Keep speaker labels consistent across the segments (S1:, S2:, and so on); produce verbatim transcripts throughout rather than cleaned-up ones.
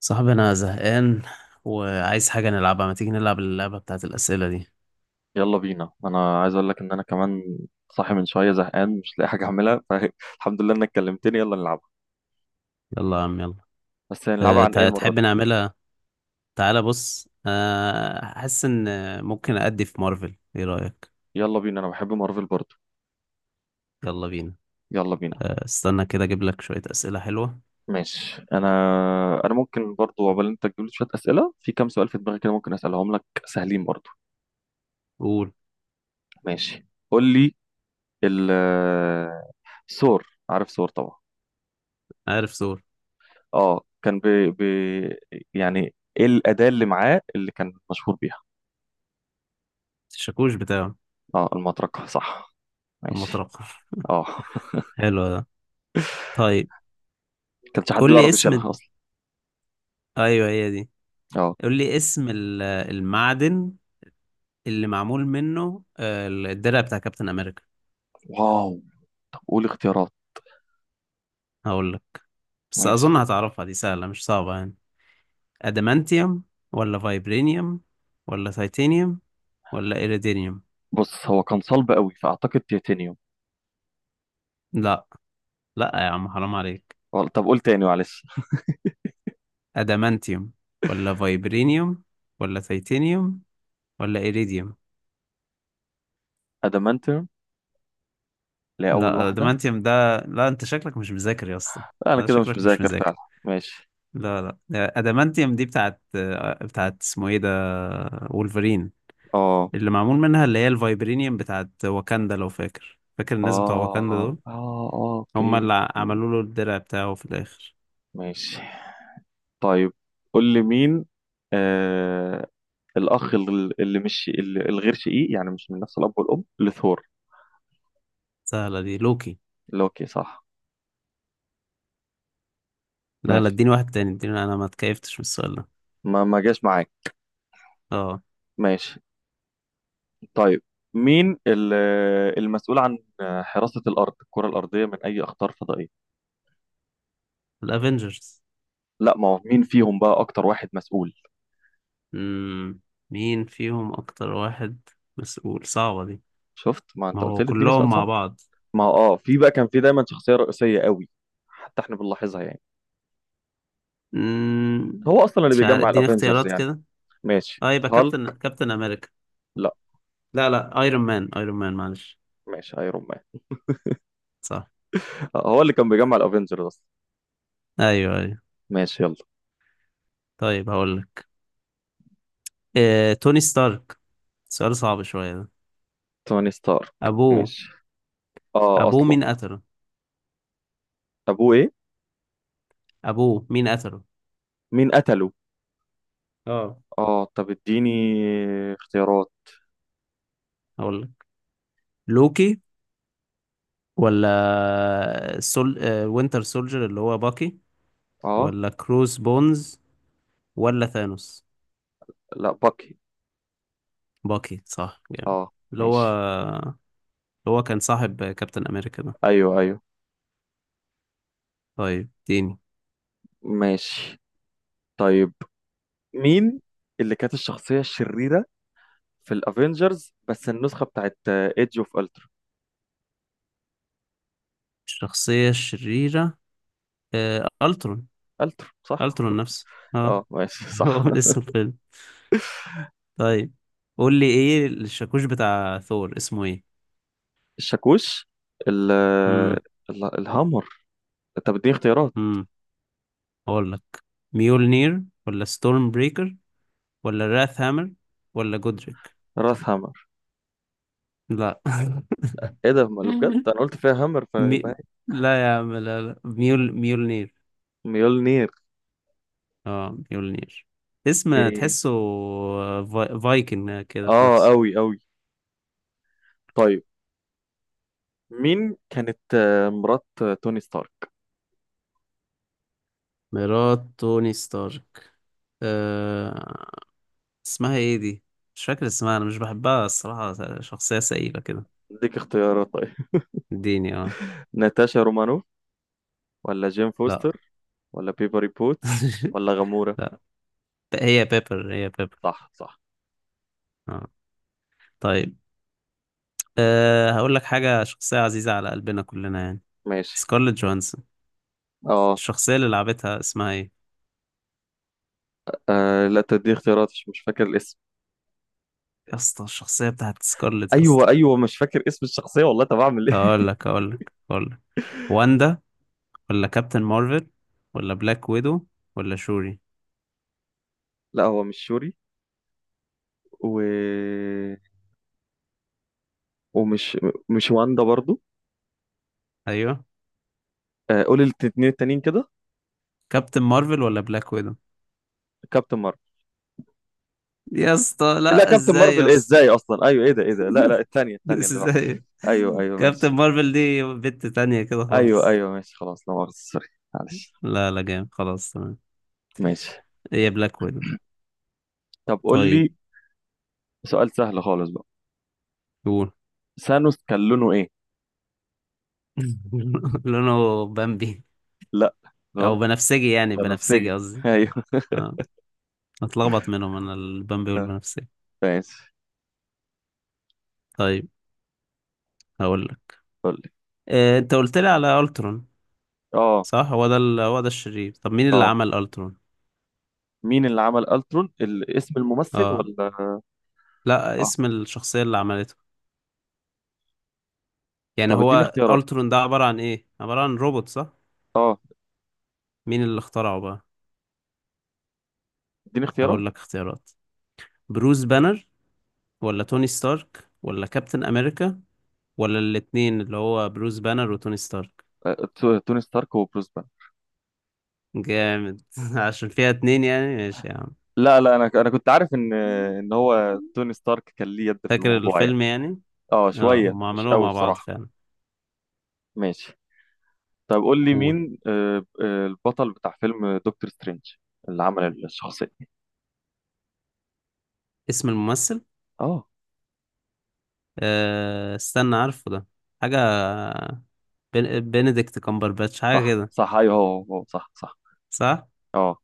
S1: صاحبي انا زهقان، وعايز حاجة نلعبها، ما تيجي نلعب اللعبة بتاعت الأسئلة دي؟
S2: يلا بينا، انا عايز اقول لك ان انا كمان صاحي من شويه، زهقان مش لاقي حاجه اعملها فالحمد لله انك كلمتني، يلا نلعبها.
S1: يلا يا عم يلا.
S2: بس هنلعبها
S1: أه
S2: عن ايه
S1: تع-
S2: المره
S1: تحب
S2: دي؟
S1: نعملها؟ تعالى بص. أه حاسس ان ممكن أدي في مارفل، ايه رأيك؟
S2: يلا بينا، انا بحب مارفل برضو.
S1: يلا بينا.
S2: يلا بينا،
S1: أه استنى كده، اجيب لك شوية أسئلة حلوة.
S2: ماشي. انا انا ممكن برضو، عقبال انت تجيب لي شويه اسئله، في كام سؤال في دماغي كده ممكن اسالهم لك سهلين برضو.
S1: قول.
S2: ماشي، قول لي. ال سور. عارف سور طبعا.
S1: عارف ثور؟
S2: اه، كان ب... ب... يعني ايه الاداه اللي معاه اللي كان مشهور بيها؟
S1: الشاكوش بتاعه.
S2: اه، المطرقه صح. ماشي،
S1: المطرقة
S2: اه.
S1: حلو ده. طيب،
S2: كانش حد
S1: قول لي
S2: بيعرف
S1: اسم
S2: يشيلها
S1: الد-.
S2: اصلا؟
S1: ايوه هي دي.
S2: اه،
S1: قول لي اسم ال- المعدن اللي معمول منه آه، الدرع بتاع كابتن امريكا.
S2: واو. طب قول اختيارات.
S1: هقول لك، بس
S2: ماشي،
S1: أظن هتعرفها، دي سهلة مش صعبة يعني. أدمانتيوم، ولا فايبرينيوم، ولا تيتانيوم، ولا إيريدينيوم؟
S2: بص هو كان صلب قوي فاعتقد تيتانيوم.
S1: لا، لا يا عم حرام عليك.
S2: وال- طب قول تاني معلش.
S1: أدمانتيوم، ولا فايبرينيوم، ولا تيتانيوم، ولا إيريديوم؟
S2: ادمانتيوم، اللي هي اول
S1: لا،
S2: واحده.
S1: أدمانتيوم ده، لا أنت شكلك مش مذاكر يا اسطى.
S2: لا، انا
S1: لا،
S2: كده مش
S1: شكلك مش
S2: مذاكر
S1: مذاكر.
S2: فعلا. ماشي،
S1: لا، لا أدمانتيوم دي بتاعت بتاعت اسمه إيه ده، وولفرين،
S2: اه
S1: اللي معمول منها، اللي هي الفايبرينيوم بتاعت واكاندا، لو فاكر، فاكر
S2: اه
S1: الناس بتوع واكاندا
S2: اه،
S1: دول.
S2: آه،
S1: هما
S2: اوكي.
S1: اللي عملوا له الدرع بتاعه في الاخر.
S2: ماشي، طيب قول لي مين آه الاخ، ال- اللي مش اللي الغير شقيق، يعني مش من نفس الاب والام لثور.
S1: سهلة دي، لوكي.
S2: لوكي صح.
S1: لا، لا
S2: ماشي،
S1: اديني واحد تاني، اديني، انا ما اتكيفتش من السؤال ده.
S2: ما ما جاش معاك.
S1: اه.
S2: ماشي، طيب مين ال- المسؤول عن حراسة الأرض، الكرة الأرضية، من أي أخطار فضائية؟
S1: الافينجرز.
S2: لا، ما هو مين فيهم بقى أكتر واحد مسؤول؟
S1: امم. مين فيهم اكتر واحد مسؤول؟ صعبة دي.
S2: شفت، ما
S1: ما
S2: أنت قلت
S1: هو
S2: لي اديني سؤال
S1: كلهم مع
S2: صعب.
S1: بعض.
S2: ما هو آه في بقى، كان في دايما شخصية رئيسية قوي، حتى إحنا بنلاحظها يعني.
S1: امم.
S2: هو أصلا اللي
S1: مش عارف،
S2: بيجمع
S1: اديني
S2: الأفينجرز
S1: اختيارات
S2: يعني.
S1: كده.
S2: ماشي،
S1: اه يبقى كابتن
S2: هالك.
S1: كابتن امريكا.
S2: لا،
S1: لا، لا ايرون مان، ايرون مان معلش.
S2: ماشي ايرون مان.
S1: صح.
S2: آه، هو اللي كان بيجمع الأفينجرز أصلا.
S1: ايوه، ايوه
S2: ماشي يلا.
S1: طيب هقول لك. إيه، توني ستارك. سؤال صعب شوية ده.
S2: توني ستارك.
S1: ابوه.
S2: ماشي. آه
S1: ابوه
S2: أصلا.
S1: مين قتله.
S2: أبوه إيه؟
S1: ابوه مين قتله.
S2: مين قتله؟
S1: اه.
S2: آه، طب اديني اختيارات.
S1: اقول لك، لوكي، ولا سول آه، وينتر سولجر اللي هو باكي،
S2: آه.
S1: ولا كروس بونز، ولا ثانوس؟
S2: لا، باكي.
S1: باكي صح جامد.
S2: آه.
S1: اللي هو
S2: ماشي.
S1: اللي هو كان صاحب كابتن امريكا ده.
S2: ايوه ايوه،
S1: طيب اديني.
S2: ماشي. طيب، مين اللي كانت الشخصية الشريرة في الافينجرز، بس النسخة بتاعت ايدج اوف التر؟
S1: الشخصية الشريرة آه، الترون.
S2: التر صح.
S1: الترون نفسه. اه.
S2: اه، ماشي
S1: هو
S2: صح.
S1: من اسم الفيلم. طيب، قول لي ايه الشاكوش بتاع ثور، اسمه ايه؟
S2: الشاكوش. ال
S1: امم.
S2: ال- الهامر. طب اديني اختيارات.
S1: امم. اقول لك، ميولنير، ولا ستورم بريكر، ولا راث هامر، ولا جودريك؟
S2: راس هامر.
S1: لا.
S2: ايه ده؟ ما اللي بجد انا قلت فيها هامر فيبقى
S1: مي...
S2: هي.
S1: لا يا عم، لا لا ميول ميولنير.
S2: ميولنير.
S1: اه ميولنير. اسم
S2: إيه.
S1: تحسه في... فايكنج كده في
S2: اه،
S1: نفسه.
S2: اوي اوي. طيب مين كانت آه، مرات آه، توني ستارك؟
S1: مرات توني ستارك. أه... اسمها ايه دي؟ مش فاكر اسمها، انا مش بحبها الصراحة، شخصية سئيلة كده.
S2: اديك اختيارات طيب.
S1: اديني اه.
S2: ناتاشا رومانوف، ولا جيم
S1: لا.
S2: فوستر، ولا بيبري بوتس، ولا غامورة؟
S1: لا. هي بيبر، هي بيبر.
S2: صح صح.
S1: اه. طيب. أه... هقول لك حاجة، شخصية عزيزة على قلبنا كلنا يعني،
S2: ماشي،
S1: سكارلت جوهانسون.
S2: اه.
S1: الشخصية اللي لعبتها اسمها ايه؟
S2: آه، لا تدي اختيارات، مش مش فاكر الاسم.
S1: يا اسطى الشخصية بتاعت سكارلت يا اسطى.
S2: ايوه ايوه، مش فاكر اسم الشخصيه والله، طب اعمل
S1: طب
S2: ايه؟
S1: اقول لك اقول لك اقول لك واندا، ولا كابتن مارفل، ولا بلاك ويدو، ولا شوري؟
S2: لا، هو مش شوري. و... ومش مش واندا برضو.
S1: ايوه.
S2: آه، قول الاثنين التانيين كده.
S1: كابتن مارفل ولا بلاك ويدو؟
S2: كابتن مارفل.
S1: يا اسطى
S2: لا،
S1: لا،
S2: كابتن
S1: ازاي يا
S2: مارفل ايه
S1: اسطى.
S2: ازاي اصلا؟ ايوه، ايه ده؟ ايه ده؟ لا لا، الثانيه الثانيه اللي بعد.
S1: ازاي.
S2: ايوه ايوه،
S1: كابتن
S2: ماشي.
S1: مارفل دي بنت تانية كده
S2: ايوه
S1: خالص.
S2: ايوه ماشي، خلاص لا مؤاخذه سوري معلش.
S1: لا، لا جامد خلاص تمام.
S2: ماشي،
S1: هي بلاك ويدو.
S2: طب قول
S1: طيب
S2: لي سؤال سهل خالص بقى.
S1: قول.
S2: ثانوس كان لونه ايه؟
S1: لونه بامبي.
S2: لا،
S1: او
S2: غلط.
S1: بنفسجي يعني،
S2: بنفسجي
S1: بنفسجي قصدي.
S2: ايوه.
S1: اه. اتلخبط منهم انا، البامبي والبنفسجي.
S2: ماشي،
S1: طيب هقول لك،
S2: قول لي.
S1: آه، انت قلت لي على الترون.
S2: اه
S1: صح، هو ده ال... هو ده الشرير، طب مين اللي
S2: اه.
S1: عمل الترون؟
S2: مين اللي عمل الترون، ال- اسم الممثل
S1: اه،
S2: ولا؟
S1: لا اسم
S2: اه،
S1: الشخصية اللي عملته، يعني
S2: طب اديني
S1: هو
S2: اختيارات.
S1: الترون ده عبارة عن ايه، عبارة عن روبوت صح؟
S2: اه،
S1: مين اللي اخترعه بقى؟
S2: اديني اختيارات.
S1: هقول لك اختيارات. بروس بانر، ولا توني ستارك، ولا كابتن امريكا، ولا الاتنين اللي هو بروس بانر وتوني ستارك؟
S2: آه، تو- توني ستارك وبروس بان.
S1: جامد عشان فيها اتنين يعني، ماشي يا عم.
S2: لا لا، انا انا كنت عارف ان ان هو توني ستارك كان ليه يد في
S1: فاكر
S2: الموضوع يعني.
S1: الفيلم يعني.
S2: اه،
S1: اه
S2: شويه
S1: هم
S2: مش
S1: عملوها
S2: قوي
S1: مع بعض
S2: بصراحه.
S1: فعلا.
S2: ماشي، طب قول لي
S1: قول.
S2: مين آه، آه، البطل بتاع فيلم دكتور سترينج؟ اللي عمل الشخصيه.
S1: اسم الممثل.
S2: اه
S1: آه، استنى، عارفه ده. حاجة بن- بنديكت كامبرباتش، حاجة
S2: صح
S1: كده.
S2: صح، ايوه هو هو هو، صح صح.
S1: صح؟
S2: اه،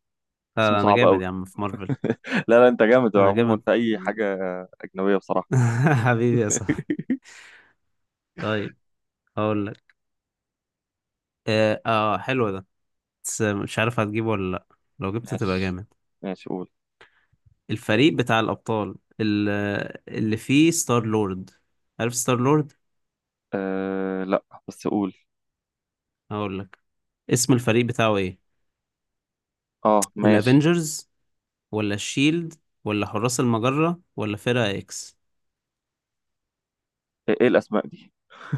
S1: لا،
S2: اسمه
S1: لا، أنا
S2: صعب قوي.
S1: جامد يا عم في مارفل.
S2: لا لا، انت جامد
S1: أنا
S2: عموما
S1: جامد.
S2: في اي حاجه اجنبيه بصراحه.
S1: حبيبي يا صاحبي. طيب هقول لك، آه, آه حلو ده، بس مش عارف هتجيبه ولا لأ، لو جبته تبقى
S2: ماشي
S1: جامد.
S2: ماشي، قول.
S1: الفريق بتاع الأبطال، ال- اللي فيه ستار لورد، عارف ستار لورد؟
S2: أه، لا بس قول.
S1: هقول لك. اسم الفريق بتاعه إيه؟
S2: اه، ماشي.
S1: الأفينجرز، ولا الشيلد، ولا حراس المجرة، ولا فرقة إكس؟
S2: ايه إيه الاسماء دي؟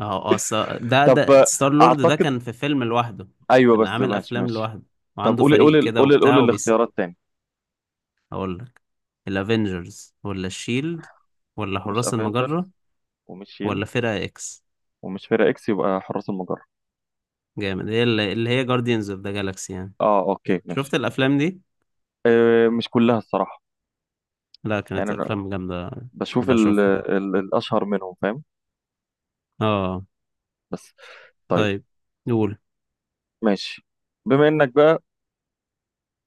S1: اه اه الص- ده
S2: طب
S1: ده
S2: آه،
S1: ستار لورد ده
S2: اعتقد،
S1: كان في فيلم لوحده،
S2: ايوه
S1: كان
S2: بس
S1: عامل
S2: ماشي
S1: افلام
S2: ماشي.
S1: لوحده،
S2: طب
S1: وعنده
S2: قولي قولي
S1: فريق
S2: ال-
S1: كده
S2: قولي
S1: وبتاع
S2: قولي
S1: وبيس.
S2: الاختيارات تاني.
S1: اقول لك، الافينجرز، ولا الشيلد، ولا
S2: هو مش
S1: حراس المجرة،
S2: افنجرز ومش شيل
S1: ولا فرقة اكس؟
S2: ومش فرقة اكس، يبقى حراس المجرة.
S1: جامد، هي اللي اللي هي جارديانز اوف ذا جالاكسي يعني.
S2: اه اوكي
S1: شفت
S2: ماشي.
S1: الافلام دي؟
S2: أه، مش كلها الصراحة.
S1: لا
S2: يعني
S1: كانت
S2: انا
S1: افلام جامدة،
S2: بشوف
S1: تبقى
S2: ال
S1: اشوفها.
S2: ال الاشهر منهم، فاهم؟
S1: اه.
S2: بس. طيب،
S1: طيب. نقول.
S2: ماشي. بما انك بقى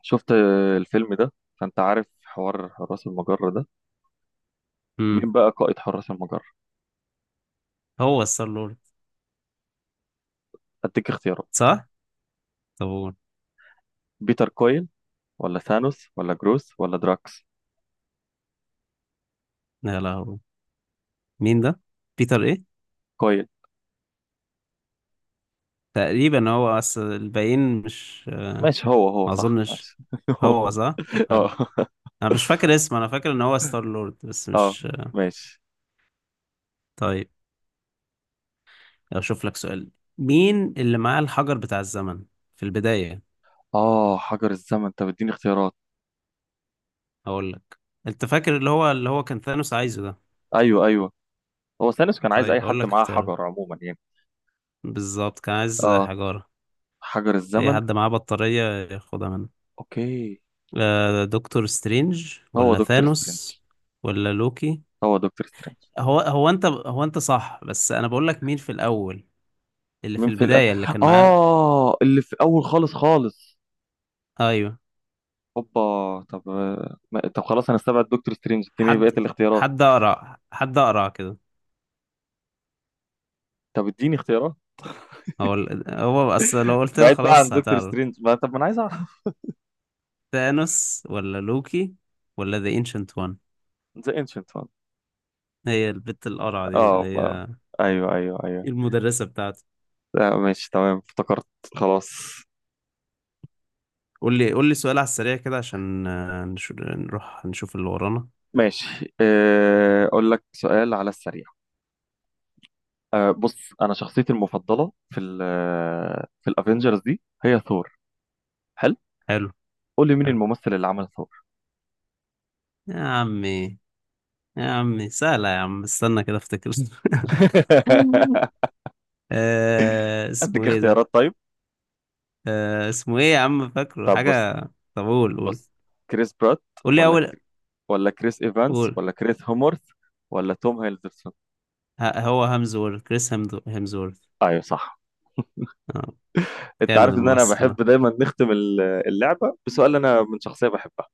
S2: شفت آه، الفيلم ده، فانت عارف حوار حراس المجرة ده،
S1: امم.
S2: مين بقى قائد حراس المجرة؟
S1: هو ستار لورد.
S2: اديك اختيارات.
S1: صح. طب قول.
S2: بيتر كويل، ولا ثانوس، ولا جروس، ولا دراكس؟
S1: لا، لا هو. مين ده، بيتر ايه؟
S2: كويل.
S1: تقريبا هو اصل الباقيين مش.
S2: ماشي هو هو
S1: ما
S2: صح،
S1: اظنش.
S2: ماشي هو.
S1: هو صح، طب حلو.
S2: اه
S1: انا مش فاكر اسمه، انا فاكر ان هو ستار لورد بس
S2: اه،
S1: مش.
S2: ماشي.
S1: طيب اشوف لك سؤال. مين اللي معاه الحجر بتاع الزمن في البداية؟
S2: اه، حجر الزمن، انت بتديني اختيارات؟
S1: اقول لك، انت فاكر اللي هو اللي هو كان ثانوس عايزه ده.
S2: ايوه ايوه. هو ثانوس كان عايز اي
S1: طيب
S2: حد
S1: اقول لك
S2: معاه
S1: اختياره،
S2: حجر عموما يعني.
S1: بالظبط كان عايز
S2: اه،
S1: حجارة،
S2: حجر
S1: اي
S2: الزمن.
S1: حد معاه بطارية ياخدها منه.
S2: اوكي.
S1: آه، دكتور سترينج،
S2: هو
S1: ولا
S2: دكتور سترينج.
S1: ثانوس، ولا لوكي؟
S2: هو دكتور سترينج.
S1: هو هو انت هو انت صح، بس انا بقول لك مين في الاول، اللي في
S2: مين في الأ...
S1: البداية اللي كان معاه.
S2: اه، اللي في اول خالص خالص.
S1: ايوه.
S2: هوبا. طب آه، ما- طب خلاص، انا استبعد دكتور سترينج، اديني
S1: حد
S2: بقيه الاختيارات.
S1: حد اقرا حد اقرا كده.
S2: طب اديني اختيارات.
S1: هو ال- هو بس لو قلت لك
S2: بعيد بقى عن
S1: خلاص
S2: دكتور
S1: هتعرف.
S2: سترينج، ما طب ما انا عايز اعرف.
S1: ثانوس، ولا لوكي، ولا ذا انشنت وان؟
S2: ذا انشنت.
S1: هي البت القرعة دي، اللي
S2: اه بقى.
S1: هي
S2: ايوه ايوه ايوه.
S1: المدرسة بتاعتي.
S2: لا، ماشي تمام، افتكرت. خلاص،
S1: قول لي قول لي سؤال على السريع كده، عشان آه، نشو- نروح نشوف اللي ورانا.
S2: ماشي. آه، اقول لك سؤال على السريع. أه بص، انا شخصيتي المفضله في ال في الافينجرز دي هي ثور. حلو،
S1: حلو
S2: قول لي مين
S1: حلو
S2: الممثل اللي عمل ثور.
S1: يا عمي يا عمي. سهلة يا عم، استنى كده افتكر آه اسمه
S2: اديك
S1: ايه ده.
S2: اختيارات طيب.
S1: آه اسمه ايه يا عم، فاكره
S2: طب بص
S1: حاجة. طب قول قول.
S2: بص، كريس برات،
S1: قول لي
S2: ولا
S1: اول.
S2: كر... ولا كريس ايفانس،
S1: قول.
S2: ولا كريس هومورث، ولا توم هيلدرسون؟
S1: ه- هو هامزورث، كريس هامدو- هامزورث.
S2: ايوه صح.
S1: اه.
S2: انت
S1: جامد
S2: عارف ان انا
S1: الممثل
S2: بحب
S1: ده.
S2: دايما نختم ال- اللعبه بسؤال انا من شخصيه بحبها.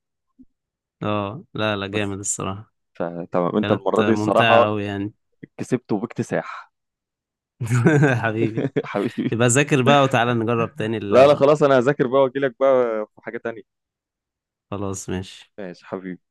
S1: اه، لا لا
S2: بس،
S1: جامد الصراحة.
S2: فتمام، انت
S1: كانت
S2: المره دي
S1: ممتعة
S2: الصراحه
S1: أوي يعني.
S2: كسبت وباكتساح.
S1: حبيبي.
S2: حبيبي.
S1: يبقى ذاكر بقى، وتعالى نجرب تاني
S2: لا لا،
S1: اللعبة.
S2: خلاص انا هذاكر بقى واجي لك بقى في حاجه تانية.
S1: خلاص ماشي.
S2: ماشي حبيبي.